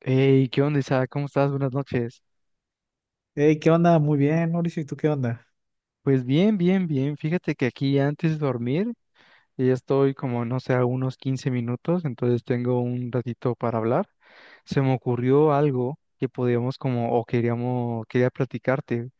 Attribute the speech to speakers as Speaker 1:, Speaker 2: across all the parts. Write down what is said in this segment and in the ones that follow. Speaker 1: Hey, ¿qué onda, Isaac? ¿Cómo estás? Buenas noches.
Speaker 2: Hey, ¿qué onda? Muy bien, Mauricio, ¿y tú qué onda?
Speaker 1: Pues bien. Fíjate que aquí antes de dormir ya estoy como, no sé, a unos 15 minutos, entonces tengo un ratito para hablar. Se me ocurrió algo que podíamos como, o queríamos, quería platicarte.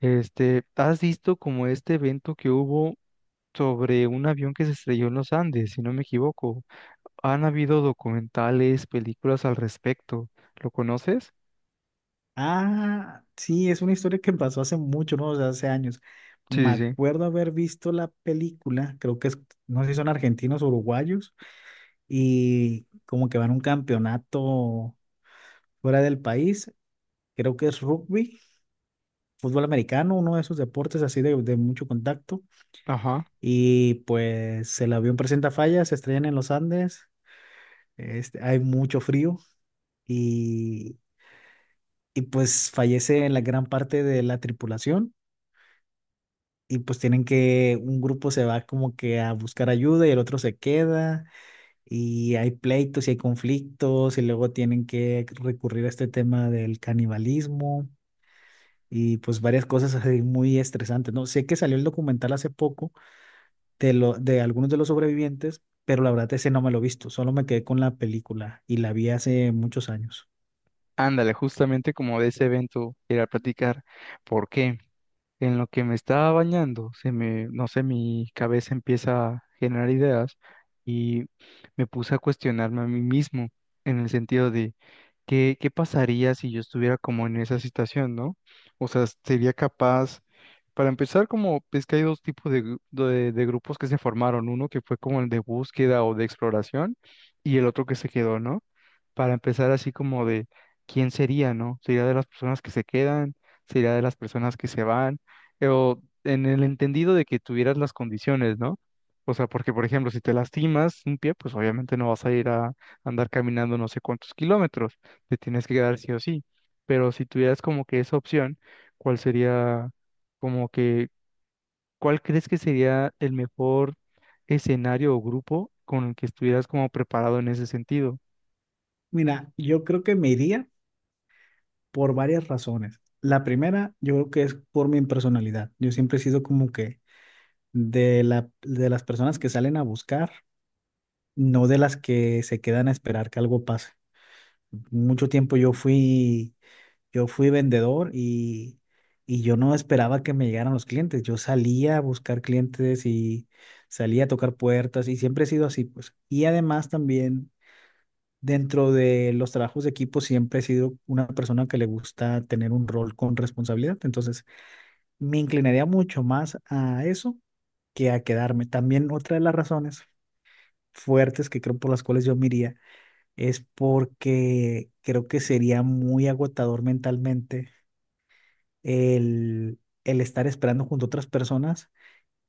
Speaker 1: ¿Has visto como este evento que hubo sobre un avión que se estrelló en los Andes, si no me equivoco? Han habido documentales, películas al respecto. ¿Lo conoces?
Speaker 2: Ah, sí, es una historia que pasó hace mucho, ¿no? O sea, hace años.
Speaker 1: Sí,
Speaker 2: Me
Speaker 1: sí, sí.
Speaker 2: acuerdo haber visto la película, creo que es, no sé si son argentinos o uruguayos, y como que van a un campeonato fuera del país, creo que es rugby, fútbol americano, uno de esos deportes así de mucho contacto,
Speaker 1: Ajá.
Speaker 2: y pues el avión presenta fallas, se estrellan en los Andes, hay mucho frío. Y, y pues fallece la gran parte de la tripulación y pues tienen que, un grupo se va como que a buscar ayuda y el otro se queda y hay pleitos y hay conflictos y luego tienen que recurrir a este tema del canibalismo y pues varias cosas así muy estresantes, ¿no? Sé que salió el documental hace poco de algunos de los sobrevivientes, pero la verdad ese no me lo he visto, solo me quedé con la película y la vi hace muchos años.
Speaker 1: Ándale, justamente como de ese evento era platicar, porque en lo que me estaba bañando, se me, no sé, mi cabeza empieza a generar ideas y me puse a cuestionarme a mí mismo en el sentido de ¿Qué pasaría si yo estuviera como en esa situación, ¿no? O sea, sería capaz, para empezar, como es que hay dos tipos de, de grupos que se formaron, uno que fue como el de búsqueda o de exploración y el otro que se quedó, ¿no? Para empezar así como de quién sería, ¿no? ¿Sería de las personas que se quedan? ¿Sería de las personas que se van? O en el entendido de que tuvieras las condiciones, ¿no? O sea, porque por ejemplo, si te lastimas un pie, pues obviamente no vas a ir a andar caminando no sé cuántos kilómetros, te tienes que quedar sí o sí. Pero si tuvieras como que esa opción, ¿cuál sería como que, cuál crees que sería el mejor escenario o grupo con el que estuvieras como preparado en ese sentido?
Speaker 2: Mira, yo creo que me iría por varias razones. La primera, yo creo que es por mi personalidad. Yo siempre he sido como que de las personas que salen a buscar, no de las que se quedan a esperar que algo pase. Mucho tiempo yo fui, Yo fui vendedor y yo no esperaba que me llegaran los clientes. Yo salía a buscar clientes y salía a tocar puertas y siempre he sido así, pues. Y además también dentro de los trabajos de equipo siempre he sido una persona que le gusta tener un rol con responsabilidad, entonces me inclinaría mucho más a eso que a quedarme. También otra de las razones fuertes que creo por las cuales yo me iría es porque creo que sería muy agotador mentalmente el estar esperando junto a otras personas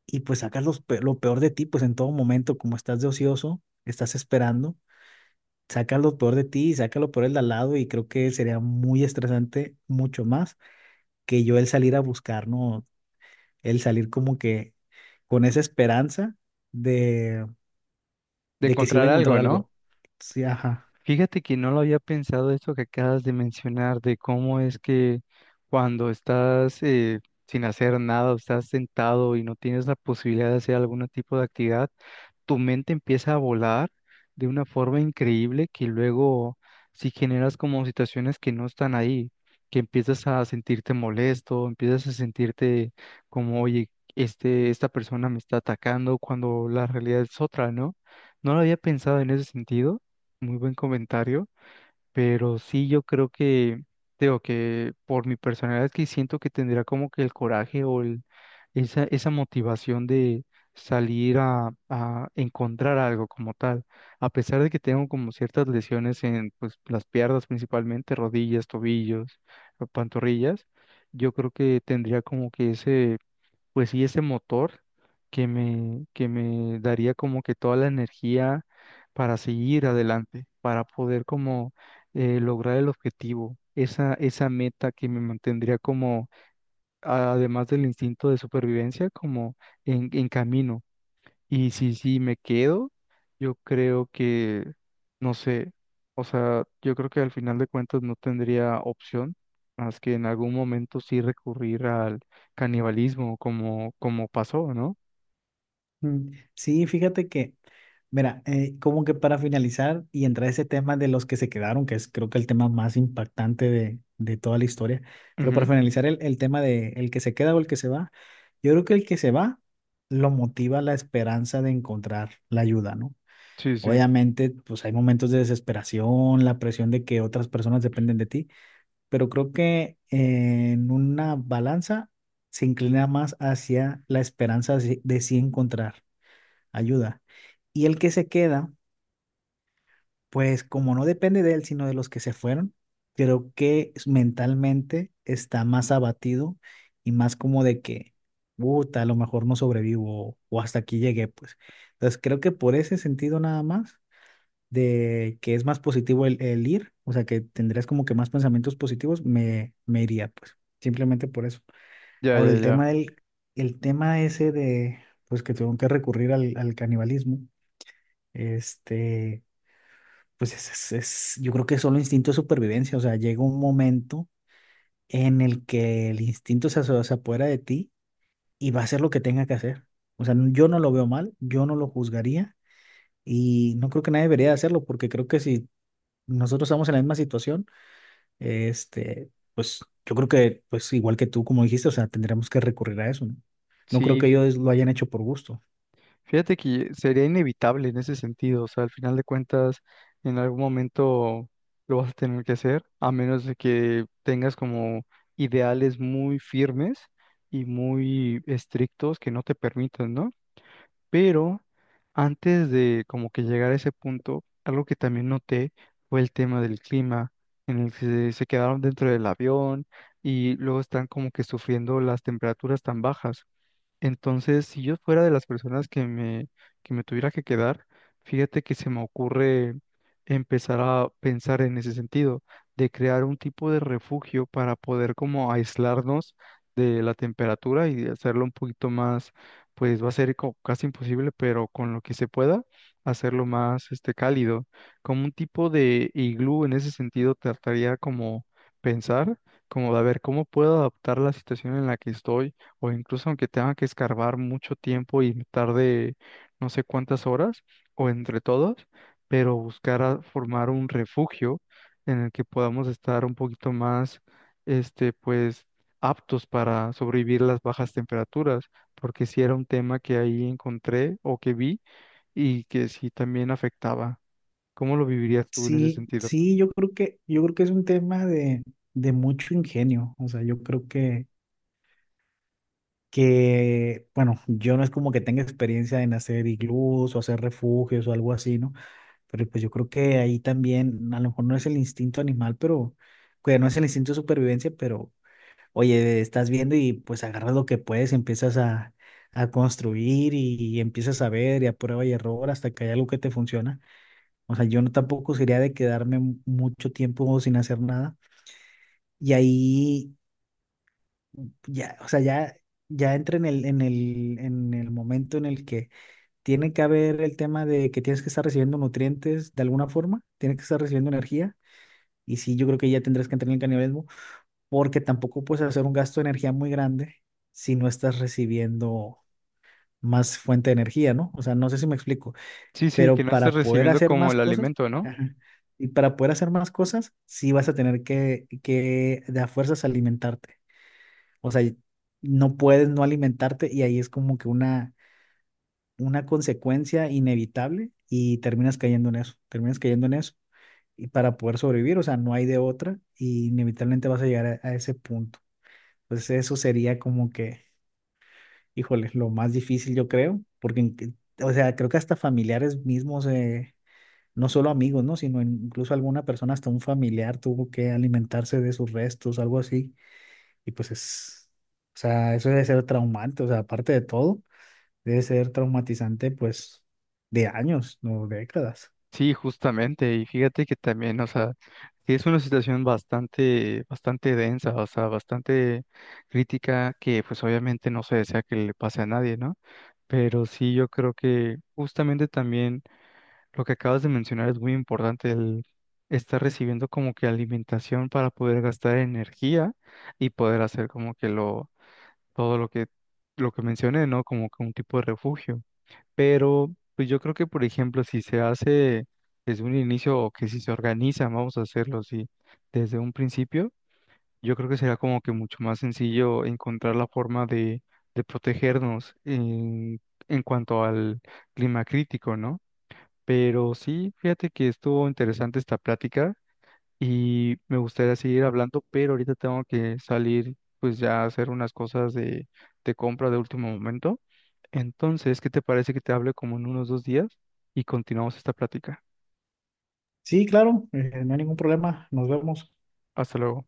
Speaker 2: y pues sacas los lo peor de ti, pues en todo momento como estás de ocioso, estás esperando, saca lo peor de ti y saca lo peor del de al lado, y creo que sería muy estresante mucho más que yo el salir a buscar, ¿no? El salir como que con esa esperanza de,
Speaker 1: De
Speaker 2: de que sí voy
Speaker 1: encontrar
Speaker 2: a encontrar
Speaker 1: algo, ¿no?
Speaker 2: algo. Sí, ajá.
Speaker 1: Fíjate que no lo había pensado esto que acabas de mencionar, de cómo es que cuando estás sin hacer nada o estás sentado y no tienes la posibilidad de hacer algún tipo de actividad, tu mente empieza a volar de una forma increíble que luego si generas como situaciones que no están ahí, que empiezas a sentirte molesto, empiezas a sentirte como, oye, esta persona me está atacando cuando la realidad es otra, ¿no? No lo había pensado en ese sentido. Muy buen comentario, pero sí yo creo que, digo que por mi personalidad es que siento que tendría como que el coraje o el, esa motivación de salir a encontrar algo como tal, a pesar de que tengo como ciertas lesiones en pues, las piernas principalmente, rodillas, tobillos, pantorrillas, yo creo que tendría como que ese pues sí, ese motor que me daría como que toda la energía para seguir adelante, para poder como lograr el objetivo, esa meta que me mantendría como, además del instinto de supervivencia, como en camino. Y si sí me quedo, yo creo que, no sé, o sea, yo creo que al final de cuentas no tendría opción más que en algún momento sí recurrir al canibalismo como, como pasó, ¿no?
Speaker 2: Mm. Sí, fíjate que mira, como que para finalizar y entrar a ese tema de los que se quedaron, que es creo que el tema más impactante de toda la historia, pero para
Speaker 1: Ujú.
Speaker 2: finalizar el tema de el que se queda o el que se va, yo creo que el que se va lo motiva la esperanza de encontrar la ayuda, ¿no?
Speaker 1: Sí, sí,
Speaker 2: Obviamente, pues hay momentos de desesperación, la presión de que otras personas dependen de ti, pero creo que en una balanza se inclina más hacia la esperanza de sí encontrar ayuda. Y el que se queda pues como no depende de él, sino de los que se fueron, creo que mentalmente está más abatido y más como de que, puta, a lo mejor no sobrevivo o hasta aquí llegué, pues. Entonces creo que por ese sentido nada más, de que es más positivo el ir, o sea, que tendrías como que más pensamientos positivos, me iría, pues, simplemente por eso.
Speaker 1: ya,
Speaker 2: Ahora,
Speaker 1: ya, ya.
Speaker 2: el tema ese de, pues, que tengo que recurrir al canibalismo, este... Pues yo creo que es solo instinto de supervivencia, o sea, llega un momento en el que el instinto se apodera de ti y va a hacer lo que tenga que hacer. O sea, yo no lo veo mal, yo no lo juzgaría y no creo que nadie debería hacerlo porque creo que si nosotros estamos en la misma situación, pues yo creo que, pues igual que tú, como dijiste, o sea, tendremos que recurrir a eso, ¿no? No creo que
Speaker 1: Sí,
Speaker 2: ellos lo hayan hecho por gusto.
Speaker 1: fíjate que sería inevitable en ese sentido, o sea, al final de cuentas, en algún momento lo vas a tener que hacer, a menos de que tengas como ideales muy firmes y muy estrictos que no te permitan, ¿no? Pero antes de como que llegar a ese punto, algo que también noté fue el tema del clima, en el que se quedaron dentro del avión y luego están como que sufriendo las temperaturas tan bajas. Entonces, si yo fuera de las personas que me tuviera que quedar, fíjate que se me ocurre empezar a pensar en ese sentido, de crear un tipo de refugio para poder como aislarnos de la temperatura y hacerlo un poquito más, pues va a ser casi imposible, pero con lo que se pueda, hacerlo más cálido, como un tipo de iglú en ese sentido, trataría como pensar, como de a ver cómo puedo adaptar la situación en la que estoy o incluso aunque tenga que escarbar mucho tiempo y me tarde no sé cuántas horas, o entre todos, pero buscar a formar un refugio en el que podamos estar un poquito más, pues, aptos para sobrevivir las bajas temperaturas, porque sí era un tema que ahí encontré o que vi y que sí también afectaba. ¿Cómo lo vivirías tú en ese
Speaker 2: Sí,
Speaker 1: sentido?
Speaker 2: sí, yo creo que es un tema de mucho ingenio. O sea, yo creo que, bueno, yo no es como que tenga experiencia en hacer iglús o hacer refugios o algo así, ¿no? Pero pues yo creo que ahí también, a lo mejor no es el instinto animal, pero, que no es el instinto de supervivencia, pero, oye, estás viendo y pues agarras lo que puedes, y empiezas a construir y empiezas a ver y a prueba y error hasta que hay algo que te funciona. O sea, yo no tampoco sería de quedarme mucho tiempo sin hacer nada. Y ahí ya, o sea, ya, ya entra en en el momento en el que tiene que haber el tema de que tienes que estar recibiendo nutrientes de alguna forma, tienes que estar recibiendo energía, y sí, yo creo que ya tendrás que entrar en el canibalismo, porque tampoco puedes hacer un gasto de energía muy grande si no estás recibiendo más fuente de energía, ¿no? O sea, no sé si me explico,
Speaker 1: Sí, sí, que
Speaker 2: pero
Speaker 1: no estés
Speaker 2: para poder
Speaker 1: recibiendo
Speaker 2: hacer
Speaker 1: como
Speaker 2: más
Speaker 1: el
Speaker 2: cosas,
Speaker 1: alimento, ¿no?
Speaker 2: ajá. Y para poder hacer más cosas, sí vas a tener que de a fuerzas alimentarte. O sea, no puedes no alimentarte y ahí es como que una consecuencia inevitable y terminas cayendo en eso, terminas cayendo en eso. Y para poder sobrevivir, o sea, no hay de otra y inevitablemente vas a llegar a ese punto. Pues eso sería como que, híjole, lo más difícil yo creo, porque, o sea, creo que hasta familiares mismos, no solo amigos, ¿no? Sino incluso alguna persona, hasta un familiar tuvo que alimentarse de sus restos, algo así. Y pues es, o sea, eso debe ser traumante, o sea, aparte de todo, debe ser traumatizante pues de años, no décadas.
Speaker 1: Sí, justamente, y fíjate que también, o sea, sí es una situación bastante densa, o sea, bastante crítica, que pues obviamente no se desea que le pase a nadie, ¿no? Pero sí, yo creo que justamente también lo que acabas de mencionar es muy importante, el estar recibiendo como que alimentación para poder gastar energía y poder hacer como que todo lo que mencioné, ¿no? Como que un tipo de refugio. Pero pues yo creo que, por ejemplo, si se hace desde un inicio o que si se organiza, vamos a hacerlo así, desde un principio, yo creo que será como que mucho más sencillo encontrar la forma de protegernos en cuanto al clima crítico, ¿no? Pero sí, fíjate que estuvo interesante esta plática y me gustaría seguir hablando, pero ahorita tengo que salir pues ya a hacer unas cosas de compra de último momento. Entonces, ¿qué te parece que te hable como en unos 2 días y continuamos esta plática?
Speaker 2: Sí, claro, no hay ningún problema, nos vemos.
Speaker 1: Hasta luego.